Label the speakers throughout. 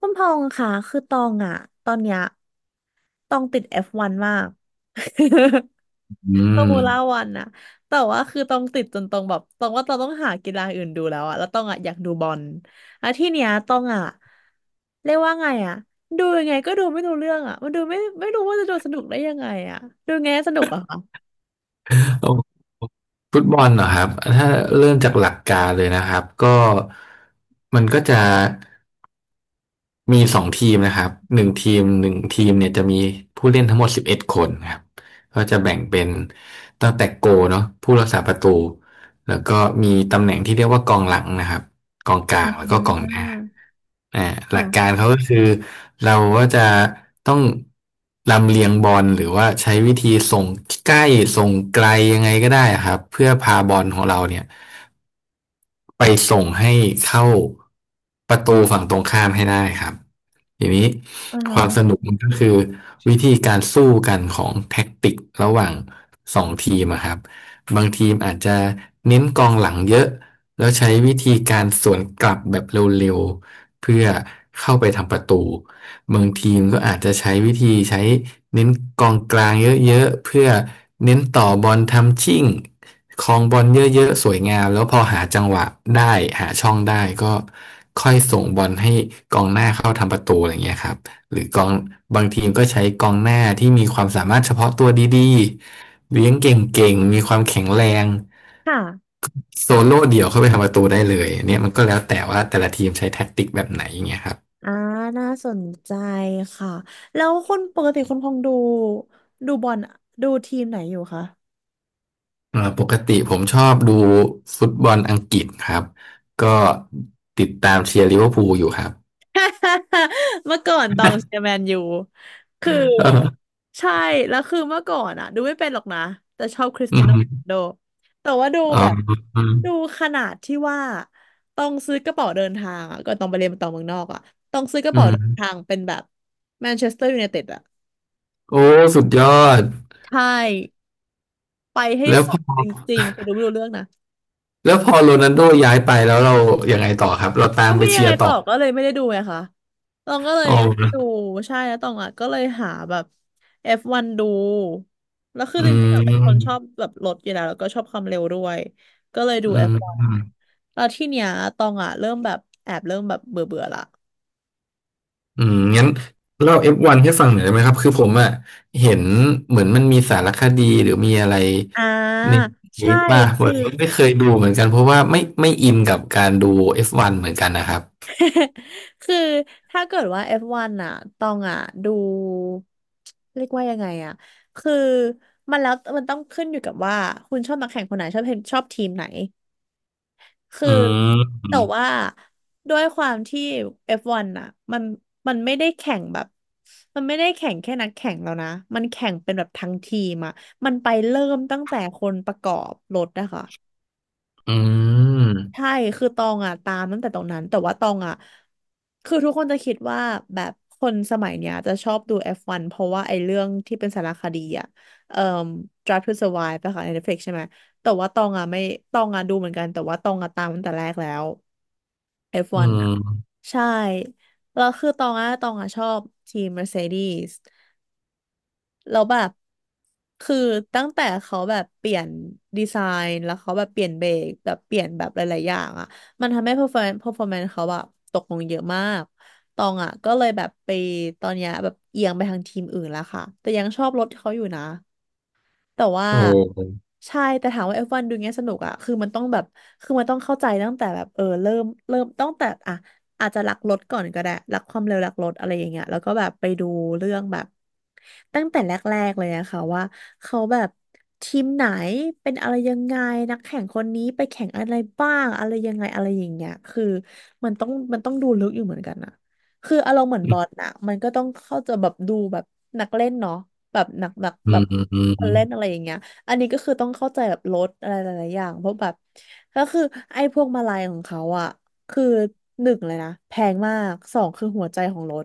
Speaker 1: คุณพองษ์ค่ะคือตองอะตอนเนี้ยตองติดเอฟวันมาก
Speaker 2: อื
Speaker 1: ฟอร์มู
Speaker 2: ม
Speaker 1: ล่าวันนะแต่ว่าคือตองติดจนตองแบบตองว่าตองต้องหากีฬาอื่นดูแล้วอะแล้วตองอะอยากดูบอลแล้วที่เนี้ยตองอะเรียกว่าไงอะดูยังไงก็ดูไม่รู้เรื่องอะมันดูไม่รู้ว่าจะดูสนุกได้ยังไงอะดูยังไงให้สนุกอะคะ
Speaker 2: โอ้ฟุตบอลเหรอครับถ้าเริ่มจากหลักการเลยนะครับก็มันก็จะมีสองทีมนะครับหนึ่งทีมเนี่ยจะมีผู้เล่นทั้งหมด11คนครับก็จะแบ่งเป็นตั้งแต่โกเนาะผู้รักษาประตูแล้วก็มีตำแหน่งที่เรียกว่ากองหลังนะครับ กองกลา
Speaker 1: อ่
Speaker 2: งแล้วก็กองห
Speaker 1: า
Speaker 2: น้าอ่าหลักกา
Speaker 1: ค่ะ
Speaker 2: รเขาก็คือเราก็จะต้องลำเลียงบอลหรือว่าใช้วิธีส่งใกล้ส่งไกลยังไงก็ได้ครับเพื่อพาบอลของเราเนี่ยไปส่งให้เข้าประตูฝั่งตรงข้ามให้ได้ครับทีนี้
Speaker 1: อ่า
Speaker 2: ค
Speaker 1: ฮะ
Speaker 2: วามสนุกมันก็คือวิธีการสู้กันของแท็กติกระหว่างสองทีมอะครับบางทีมอาจจะเน้นกองหลังเยอะ แล้วใช้วิธีการสวนกลับแบบเร็วๆเพื่อเข้าไปทำประตูบางทีมก็อาจจะใช้วิธีใช้เน้นกองกลางเยอะๆเพื่อเน้นต่อบอลทำชิ่งครองบอลเยอะๆสวยงามแล้วพอหาจังหวะได้หาช่องได้ก็ค่อยส่งบอลให้กองหน้าเข้าทำประตูอะไรอย่างเงี้ยครับ หรือกองบางทีมก็ใช้กองหน้าที่มีความสามารถเฉพาะตัวดีๆเลี้ยงเก่งๆมีความแข็งแรง
Speaker 1: ค่ะ
Speaker 2: โซโล่เดี่ยวเข้าไปทำประตูได้เลยนเนี่ยมันก็แล้วแต่ว่าแต่ละทีมใช้แท็กติกแบบไหนอย่างเงี้ยครับ
Speaker 1: อ่าน่าสนใจค่ะแล้วคนปกติคนคงดูบอลดูทีมไหนอยู่คะ
Speaker 2: ปกติผมชอบดูฟุตบอลอังกฤษครับก็ติดตามเชียร์ลิเวอร์พูลอยู่ครับ
Speaker 1: เมื่อก่อนตองเชียร์แมนยูคือ
Speaker 2: เออ
Speaker 1: ใช่แล้วคือเมื่อก่อนอะดูไม่เป็นหรอกนะแต่ชอบคริส
Speaker 2: อื
Speaker 1: เตียโนโรนัล
Speaker 2: ม
Speaker 1: โดแต่ว่าดู
Speaker 2: อ๋อ
Speaker 1: แบบ
Speaker 2: อืม
Speaker 1: ดูขนาดที่ว่าต้องซื้อกระเป๋าเดินทางอะก็ต้องไปเรียนต่อเมืองนอกอะต้องซื้อกระ
Speaker 2: อื
Speaker 1: เป๋าเดินทา
Speaker 2: ม
Speaker 1: งเป็นแบบแมนเชสเตอร์ยูไนเต็ดอะ
Speaker 2: โอ้สุดยอด
Speaker 1: ใช่ไปให้
Speaker 2: แล้ว
Speaker 1: สุ
Speaker 2: พอ
Speaker 1: ดจริงๆแต่ดูไม่รู้เรื่องนะ
Speaker 2: แล้วพอโรนัลโดย้ายไปแล้วเรายังไงต่อครับเราตา
Speaker 1: ก็
Speaker 2: มไป
Speaker 1: ไม่ยั
Speaker 2: เชี
Speaker 1: ง
Speaker 2: ย
Speaker 1: ไง
Speaker 2: ร์
Speaker 1: ต่
Speaker 2: ต่
Speaker 1: อ
Speaker 2: อ
Speaker 1: ก็เลยไม่ได้ดูไงคะตองก็เล
Speaker 2: อ๋
Speaker 1: ย
Speaker 2: อ
Speaker 1: ไม่ได้ดูใช่แล้วตองอ่ะก็เลยหาแบบ F1 ดูแล้วคือ
Speaker 2: อื
Speaker 1: จ
Speaker 2: ม
Speaker 1: ริงๆอ่ะเป็นคนชอบแบบรถอยู่แล้วแล้วก็ชอบความเร็วด้วยก็เลยดู
Speaker 2: อื
Speaker 1: F1
Speaker 2: ม
Speaker 1: แล้วที่เนี้ยตองอ่ะเริ่มแบบแอบเริ่มแบบเบื่อเบื่อละ
Speaker 2: อืมงั้นเล่าเอฟวันให้ฟังหน่อยได้ไหมครับ คือผมอะเห็นเหมือนมันมีสารคดีหรือมีอะไร
Speaker 1: อ่า
Speaker 2: ในนี้
Speaker 1: ใช่
Speaker 2: ป่ะผม
Speaker 1: คือ
Speaker 2: ไม่เคยดูเหมือนกันเพราะว่าไม่อินกับการดู F1 เหมือนกันนะครับ
Speaker 1: คือถ้าเกิดว่า F1 อฟวันอ่ะตองอ่ะดูเรียกว่ายังไงอ่ะคือมันแล้วมันต้องขึ้นอยู่กับว่าคุณชอบนักแข่งคนไหนชอบเห็นชอบทีมไหนคือ
Speaker 2: อื
Speaker 1: แต่ว่า
Speaker 2: ม
Speaker 1: ด้วยความที่ F1 อฟวันอ่ะมันมันไม่ได้แข่งแบบมันไม่ได้แข่งแค่นักแข่งแล้วนะ มันแข่งเป็นแบบทั้งทีมอ่ะมันไปเริ่มตั้งแต่คนประกอบรถนะคะ
Speaker 2: อืม
Speaker 1: ใช่ คือตองอ่ะตามตั้งแต่ตรงนั้น แต่ว่าตองอ่ะคือทุกคนจะคิดว่าแบบคนสมัยเนี้ยจะชอบดู F1 เพราะว่าไอ้เรื่องที่เป็นสารคดีอ่ะเอ่อ Drive to Survive ไปค่ะใน Netflix ใช่ไหม แต่ว่าตองอ่ะไม่ตองอ่ะดูเหมือนกัน แต่ว่าตองอ่ะตามตั้งแต่แรกแล้ว
Speaker 2: อื
Speaker 1: F1 อฟวันอ่ะ
Speaker 2: ม
Speaker 1: ใช่ แล้วคือตองอ่ะชอบทีม Mercedes แล้วแบบคือตั้งแต่เขาแบบเปลี่ยนดีไซน์แล้วเขาแบบเปลี่ยนเบรกแบบเปลี่ยนแบบหลายๆอย่างอ่ะมันทำให้ performance เขาแบบตกลงเยอะมากตองอ่ะก็เลยแบบไปตอนเนี้ยแบบเอียงไปทางทีมอื่นแล้วค่ะแต่ยังชอบรถเขาอยู่นะ แต่ว่า
Speaker 2: โอ้
Speaker 1: ใช่แต่ถามว่าเอฟวันดูเงี้ยสนุกอะคือมันต้องแบบคือมันต้องเข้าใจตั้งแต่แบบเออเริ่มตั้งแต่อะอาจจะรักรถก่อนก็ได้รักความเร็วรักรถอะไรอย่างเงี้ยแล้วก็แบบไปดูเรื่องแบบตั้งแต่แรกๆเลยอะค่ะว่าเขาแบบทีมไหนเป็นอะไรยังไงนักแข่งคนนี้ไปแข่งอะไรบ้างอะไรยังไงอะไรอย่างเงี้ยคือมันต้องดูลึกอยู่เหมือนกันอะคืออารมณ์เหมือนบอลนะมันก็ต้องเข้าใจแบบดูแบบนักเล่นเนาะแบบหนักหนัก
Speaker 2: อื
Speaker 1: แบ
Speaker 2: ม
Speaker 1: บ
Speaker 2: อื
Speaker 1: ค
Speaker 2: ม
Speaker 1: นเล่นอะไรอย่างเงี้ยอันนี้ก็คือต้องเข้าใจแบบรถอะไรหลายๆอย่างเพราะแบบก็คือไอ้พวกมาลัยของเขาอ่ะคือหนึ่งเลยนะแพงมากสองคือหัวใจของรถ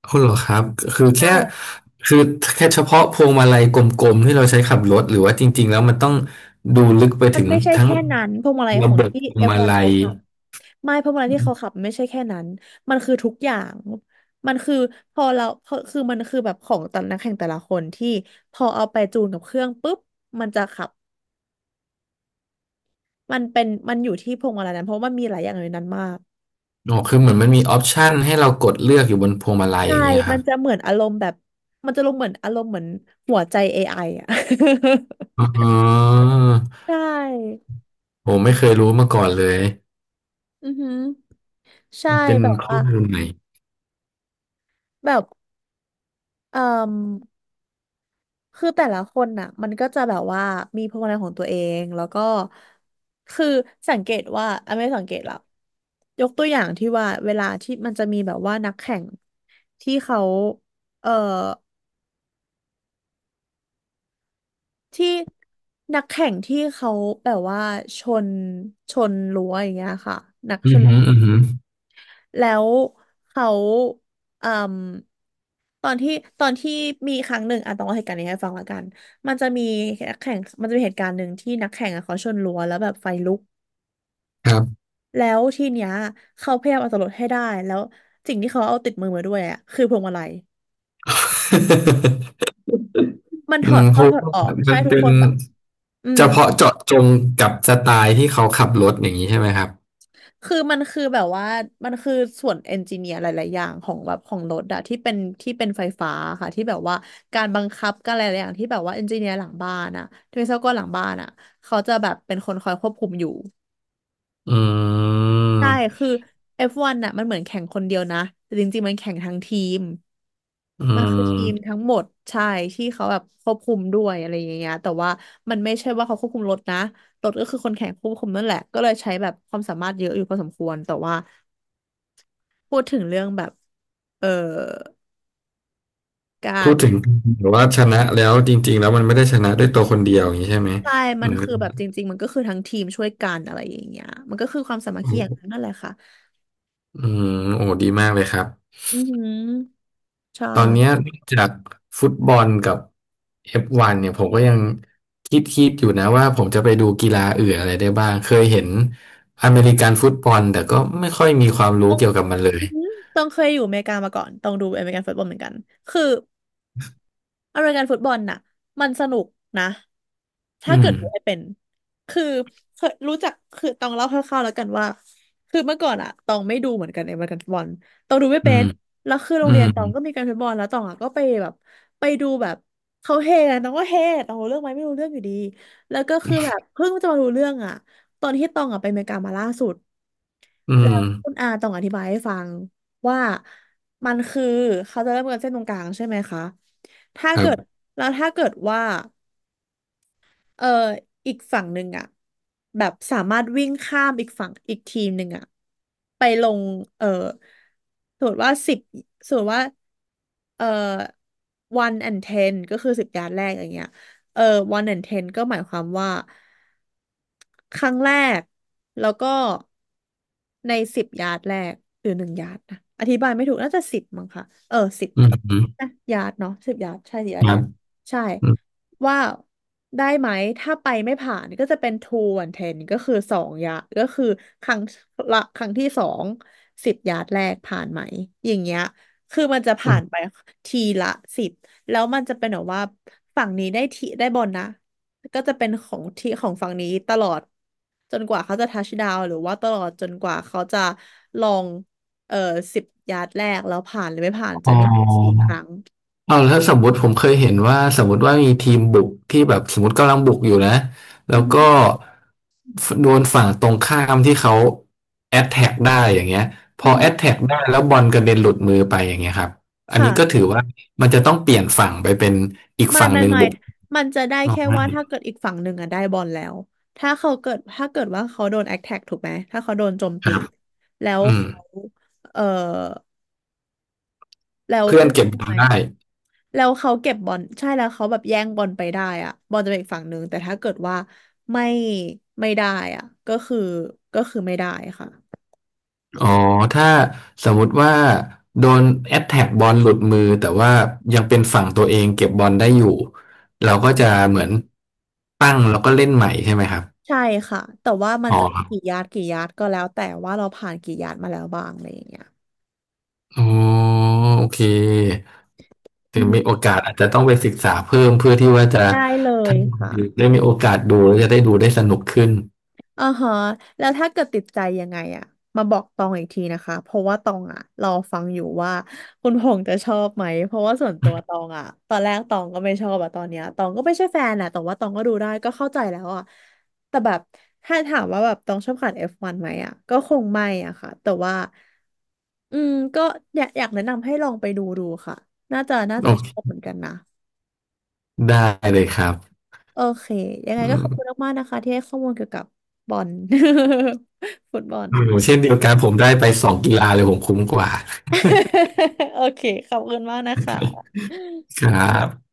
Speaker 2: เอาเหรอครับ คือ
Speaker 1: ใ
Speaker 2: แค่
Speaker 1: ช่
Speaker 2: คือแค่เฉพาะพวงมาลัยกลมๆที่เราใช้ขับรถหรือว่าจริงๆแล้วมันต้องดูลึกไป
Speaker 1: มัน
Speaker 2: ถึง
Speaker 1: ไม่ใช่
Speaker 2: ทั้ง
Speaker 1: แค่นั้นพวงมาลัย
Speaker 2: ระ
Speaker 1: ขอ
Speaker 2: บ
Speaker 1: ง
Speaker 2: บ
Speaker 1: ที่
Speaker 2: พวงมา
Speaker 1: F1
Speaker 2: ลั
Speaker 1: เขา
Speaker 2: ย
Speaker 1: ขับไม่เพราะมาลัน
Speaker 2: อ
Speaker 1: ที่
Speaker 2: ม
Speaker 1: เขาขับไม่ใช่แค่นั้นมันคือทุกอย่างมันคือพอเราพอคือมันคือแบบของแต่ละนักแข่งแต่ละคนที่พอเอาไปจูนกับเครื่องปุ๊บมันจะขับมันเป็นมันอยู่ที่พวงมาลัยนั้นเพราะว่ามันมีหลายอย่างในนั้นมาก
Speaker 2: อ๋อคือเหมือนมันมีออปชันให้เรากดเลือกอยู่บนพวงมาลัย
Speaker 1: ใช่
Speaker 2: อย่างเงี้ยค
Speaker 1: มั
Speaker 2: รั
Speaker 1: น
Speaker 2: บ
Speaker 1: จะเหมือนอารมณ์แบบมันจะลงเหมือนอารมณ์เหมือนหัวใจ AI อไออ่ะ
Speaker 2: อ๋ อ
Speaker 1: ใช่
Speaker 2: ผมไม่เคยรู้มาก่อนเลย
Speaker 1: อือหือใช่
Speaker 2: เป็น
Speaker 1: แบบ
Speaker 2: ข้
Speaker 1: ว่า
Speaker 2: อมูลใหม่
Speaker 1: แบบเอ่มคือแต่ละคนน่ะมันก็จะแบบว่ามีพลังของตัวเองแล้วก็คือสังเกตว่าอ่ะไม่สังเกตหรอกยกตัวอย่างที่ว่าเวลาที่มันจะมีแบบว่านักแข่งที่เขาเอ่อที่นักแข่งที่เขาแบบว่าชนชนรั้วอย่างเงี้ยค่ะนักช
Speaker 2: อือ
Speaker 1: น
Speaker 2: หืออือหือ
Speaker 1: แล้วเขาเอ่มตอนที่ตอนที่มีครั้งหนึ่งอ่ะต้องเล่าเหตุการณ์นี้ให้ฟังละกันมันจะมีนักแข่งมันจะมีเหตุการณ์หนึ่งที่นักแข่งอ่ะเขาชนรั้วแล้วแบบไฟลุก
Speaker 2: ครับ
Speaker 1: แล้วทีเนี้ยเขาพยายามเอาตัวรอดให้ได้แล้วสิ่งที่เขาเอาติดมือมาด้วยอ่ะคือพวงมาลัย มันถ
Speaker 2: อื
Speaker 1: อ
Speaker 2: ม
Speaker 1: ด
Speaker 2: เพ
Speaker 1: เข้า
Speaker 2: ราะ
Speaker 1: ถอด
Speaker 2: ว่า
Speaker 1: ออกใช่
Speaker 2: มัน
Speaker 1: ทุก
Speaker 2: เป็
Speaker 1: ค
Speaker 2: น
Speaker 1: นแบบอื
Speaker 2: เฉ
Speaker 1: ม
Speaker 2: พาะเจาะจงกับสไตล์ที่เขาขับรถอย่างนี้ใช่ไหมครับ
Speaker 1: คือมันคือแบบว่ามันคือส่วนเอนจิเนียร์หลายๆอย่างของแบบของรถอะที่เป็นไฟฟ้าค่ะที่แบบว่าการบังคับการอะไรหลายๆอย่างที่แบบว่าเอนจิเนียร์หลังบ้านอะที่วิศวกรหลังบ้านอะเขาจะแบบเป็นคนคอยควบคุมอยู่
Speaker 2: อืม
Speaker 1: ใช่คือ F1 นน่ะมันเหมือนแข่งคนเดียวนะแต่จริงๆมันแข่งทั้งทีม
Speaker 2: อื
Speaker 1: มันคือทีม
Speaker 2: ม
Speaker 1: ทั้งหมดใช่ที่เขาแบบควบคุมด้วยอะไรอย่างเงี้ยแต่ว่ามันไม่ใช่ว่าเขาควบคุมรถนะรถก็คือคนแข่งควบคุมนั่นแหละก็เลยใช้แบบความสามารถเยอะอยู่พอสมควรแต่ว่า พูดถึงเรื่องแบบเอ่อกา
Speaker 2: พู
Speaker 1: ร
Speaker 2: ดถึงหรือว่าชนะแล้วจริงๆแล้วมันไม่ได้ชนะด้วยตัวคนเดียวอย่างนี้ใช่ไหม
Speaker 1: ใช่มั
Speaker 2: อื
Speaker 1: นคือแบบจริงๆมันก็คือทั้งทีมช่วยกันอะไรอย่างเงี้ยมันก็คือความสามัคคีอย่างนั้น
Speaker 2: ม
Speaker 1: นั่นแหละค่ะ
Speaker 2: อืมโอ้ดีมากเลยครับ
Speaker 1: อือหือใช่
Speaker 2: ตอนเนี้ยนอกจากฟุตบอลกับ F1 เนี่ยผมก็ยังคิดอยู่นะว่าผมจะไปดูกีฬาอื่นอะไรได้บ้างเคยเห็นอเมริกันฟุตบอลแต่ก็ไม่ค่อยมีความรู้
Speaker 1: ต้อง
Speaker 2: เกี่ยวกับมันเลย
Speaker 1: อือหือต้องเคยอยู่อเมริกามาก่อน ต้องดูอเมริกันฟุตบอลเหมือนกันคือ อเมริกันฟุตบอลน่ะมันสนุกนะถ้า
Speaker 2: อื
Speaker 1: เกิ
Speaker 2: ม
Speaker 1: ดดูให้เป็นคือเคยรู้จักคือต้องเล่าคร่าวๆแล้วกันว่าคือเมื่อก่อนอะตองไม่ดูเหมือนกันในอเมริกันฟุตบอลตองดูไม่
Speaker 2: อื
Speaker 1: เป็น
Speaker 2: ม
Speaker 1: แล้วคือโร
Speaker 2: อื
Speaker 1: งเรียน
Speaker 2: ม
Speaker 1: ตองก็มีการฟุตบอลแล้วตองอะก็ไปแบบไปดูแบบเขาเฮกันตองก็เฮตองรู้เรื่องไหมไม่รู้เรื่องอยู่ดีแล้วก็คือแบบเพิ่งจะมารู้เรื่องอะตอนที่ตองอะไปอเมริกามาล่าสุด
Speaker 2: อื
Speaker 1: แล้
Speaker 2: ม
Speaker 1: วคุณอาต้องอธิบายให้ฟังว่ามันคือเขาจะเริ่มกันเส้นตรงกลางใช่ไหมคะถ้า
Speaker 2: ครั
Speaker 1: เกิด
Speaker 2: บ
Speaker 1: แล้วถ้าเกิดว่า เอออีกฝั่งหนึ่งอ่ะแบบสามารถวิ่งข้ามอีกฝั่งอีกทีมหนึ่งอ่ะไปลงเออสมมติว่าสิบสมมติว่าเออ one and ten ก็คือ10 ยาร์ดแรกอย่างเงี้ยเออ one and ten ก็หมายความว่าครั้งแรกแล้วก็ในสิบยาร์ดแรกหรือหนึ่งยาร์ดนะอธิบายไม่ถูกน่าจะสิบมั้งค่ะเออสิบ
Speaker 2: อืม
Speaker 1: ยาร์ดเนาะสิบยาร์ดใช่สิบยาร์
Speaker 2: ค
Speaker 1: ดแร
Speaker 2: รับ
Speaker 1: กใช่
Speaker 2: อืม
Speaker 1: ว่าได้ไหมถ้าไปไม่ผ่านก็จะเป็น two and ten ก็คือสองยะก็คือครั้งละครั้งที่สองสิบยาร์ดแรกผ่านไหมอย่างเงี้ยคือมันจะผ่านไปทีละสิบแล้วมันจะเป็นแบบว่าฝั่งนี้ได้ทีได้บอลนะก็จะเป็นของที่ของฝั่งนี้ตลอดจนกว่าเขาจะทัชดาวหรือว่าตลอดจนกว่าเขาจะลองเอ่อสิบยาร์ดแรกแล้วผ่านหรือไม่ผ่านจะ
Speaker 2: อ๋
Speaker 1: มีสี่
Speaker 2: อ
Speaker 1: ครั้ง
Speaker 2: เอาแล้วสมมติผมเคยเห็นว่าสมมติว่ามีทีมบุกที่แบบสมมติกำลังบุกอยู่นะแล้
Speaker 1: อื
Speaker 2: ว
Speaker 1: อ
Speaker 2: ก็
Speaker 1: ฮึ
Speaker 2: โดนฝั่งตรงข้ามที่เขาแอตแทกได้อย่างเงี้ยพ
Speaker 1: อื
Speaker 2: อ
Speaker 1: อฮึ
Speaker 2: แอตแทกได้แล้วบอลกระเด็นหลุดมือไปอย่างเงี้ยครับอันนี้ก็
Speaker 1: ค่ะ
Speaker 2: ถือว่ามันจะต้องเปลี่ยนฝั่งไปเป็นอีก
Speaker 1: ไม่
Speaker 2: ฝั่ง
Speaker 1: ไม่
Speaker 2: หนึ่ง
Speaker 1: ไม่
Speaker 2: บุก
Speaker 1: มันจะได้
Speaker 2: ออก
Speaker 1: แค่
Speaker 2: มา
Speaker 1: ว่าถ้าเกิดอีกฝั่งหนึ่งอะได้บอลแล้วถ้าเกิดว่าเขาโดนแอคแท็กถูกไหมถ้าเขาโดนโจม
Speaker 2: ค
Speaker 1: ตี
Speaker 2: รับ
Speaker 1: แล้ว
Speaker 2: อืม
Speaker 1: เขาเออแล้ว
Speaker 2: เพื่อน
Speaker 1: เรียก
Speaker 2: เก็บ
Speaker 1: ว่า
Speaker 2: บอล
Speaker 1: ไงอะ
Speaker 2: ได้
Speaker 1: แล้วเขาเก็บบอลใช่แล้วเขาแบบแย่งบอลไปได้อะบอลจะเป็นอีกฝั่งหนึ่งแต่ถ้าเกิดว่าไม่ไม่ได้อะก็คือไม่ได้ค่ะ
Speaker 2: อ๋อถ้าสมมุติว่าโดนแอตแทกบอลหลุดมือแต่ว่ายังเป็นฝั่งตัวเองเก็บบอลได้อยู่เราก็จะเหมือนตั้งแล้วก็เล่นใหม่ใช่ไหมครับ
Speaker 1: ใช่ค่ะแต่ว่ามัน
Speaker 2: อ๋อ
Speaker 1: จะเป็
Speaker 2: ค
Speaker 1: น
Speaker 2: รั
Speaker 1: กี่
Speaker 2: บ
Speaker 1: ยาร์ดกี่ยาร์ดก็แล้วแต่ว่าเราผ่านกี่ยาร์ดมาแล้วบ้างอะไรอย่างเงี้ย
Speaker 2: อ๋อโอเคถึ
Speaker 1: อือ
Speaker 2: ง
Speaker 1: ฮึ
Speaker 2: มีโอกาสอาจจะต้องไปศึกษาเพิ่มเพื่อที่ว่าจะ
Speaker 1: ได้เล
Speaker 2: ถ้า
Speaker 1: ยค่ะ
Speaker 2: ได้มีโอกาสดูแล้วจะได้ดูได้สนุกขึ้น
Speaker 1: อ่าฮะแล้วถ้าเกิดติดใจยังไงอะมาบอกตองอีกทีนะคะเพราะว่าตองอะรอฟังอยู่ว่าคุณพงษ์จะชอบไหมเพราะว่าส่วนตัวตองอะตอนแรกตองก็ไม่ชอบอะตอนเนี้ยตองก็ไม่ใช่แฟนนะแต่ว่าตองก็ดูได้ก็เข้าใจแล้วอะแต่แบบถ้าถามว่าแบบตองชอบขัน F1 ไหมอะก็คงไม่อะค่ะแต่ว่าอืมก็อยากแนะนำให้ลองไปดูค่ะน่าจะน่า
Speaker 2: โอ
Speaker 1: จะชอ
Speaker 2: เค
Speaker 1: บเหมือนกันนะ
Speaker 2: ได้เลยครับ
Speaker 1: โอเคยังไง
Speaker 2: อื
Speaker 1: ก็ขอบคุณ
Speaker 2: ม
Speaker 1: มากๆนะคะที่ให้ข้อมูลเกี่ยวกับบอล ฟุตบอล
Speaker 2: โอ้โหเช่นเดียวกันผมได้ไปสองกีฬาเลยผมคุ้มกว่า
Speaker 1: โอเค ขอบคุณมากนะคะ
Speaker 2: ครับ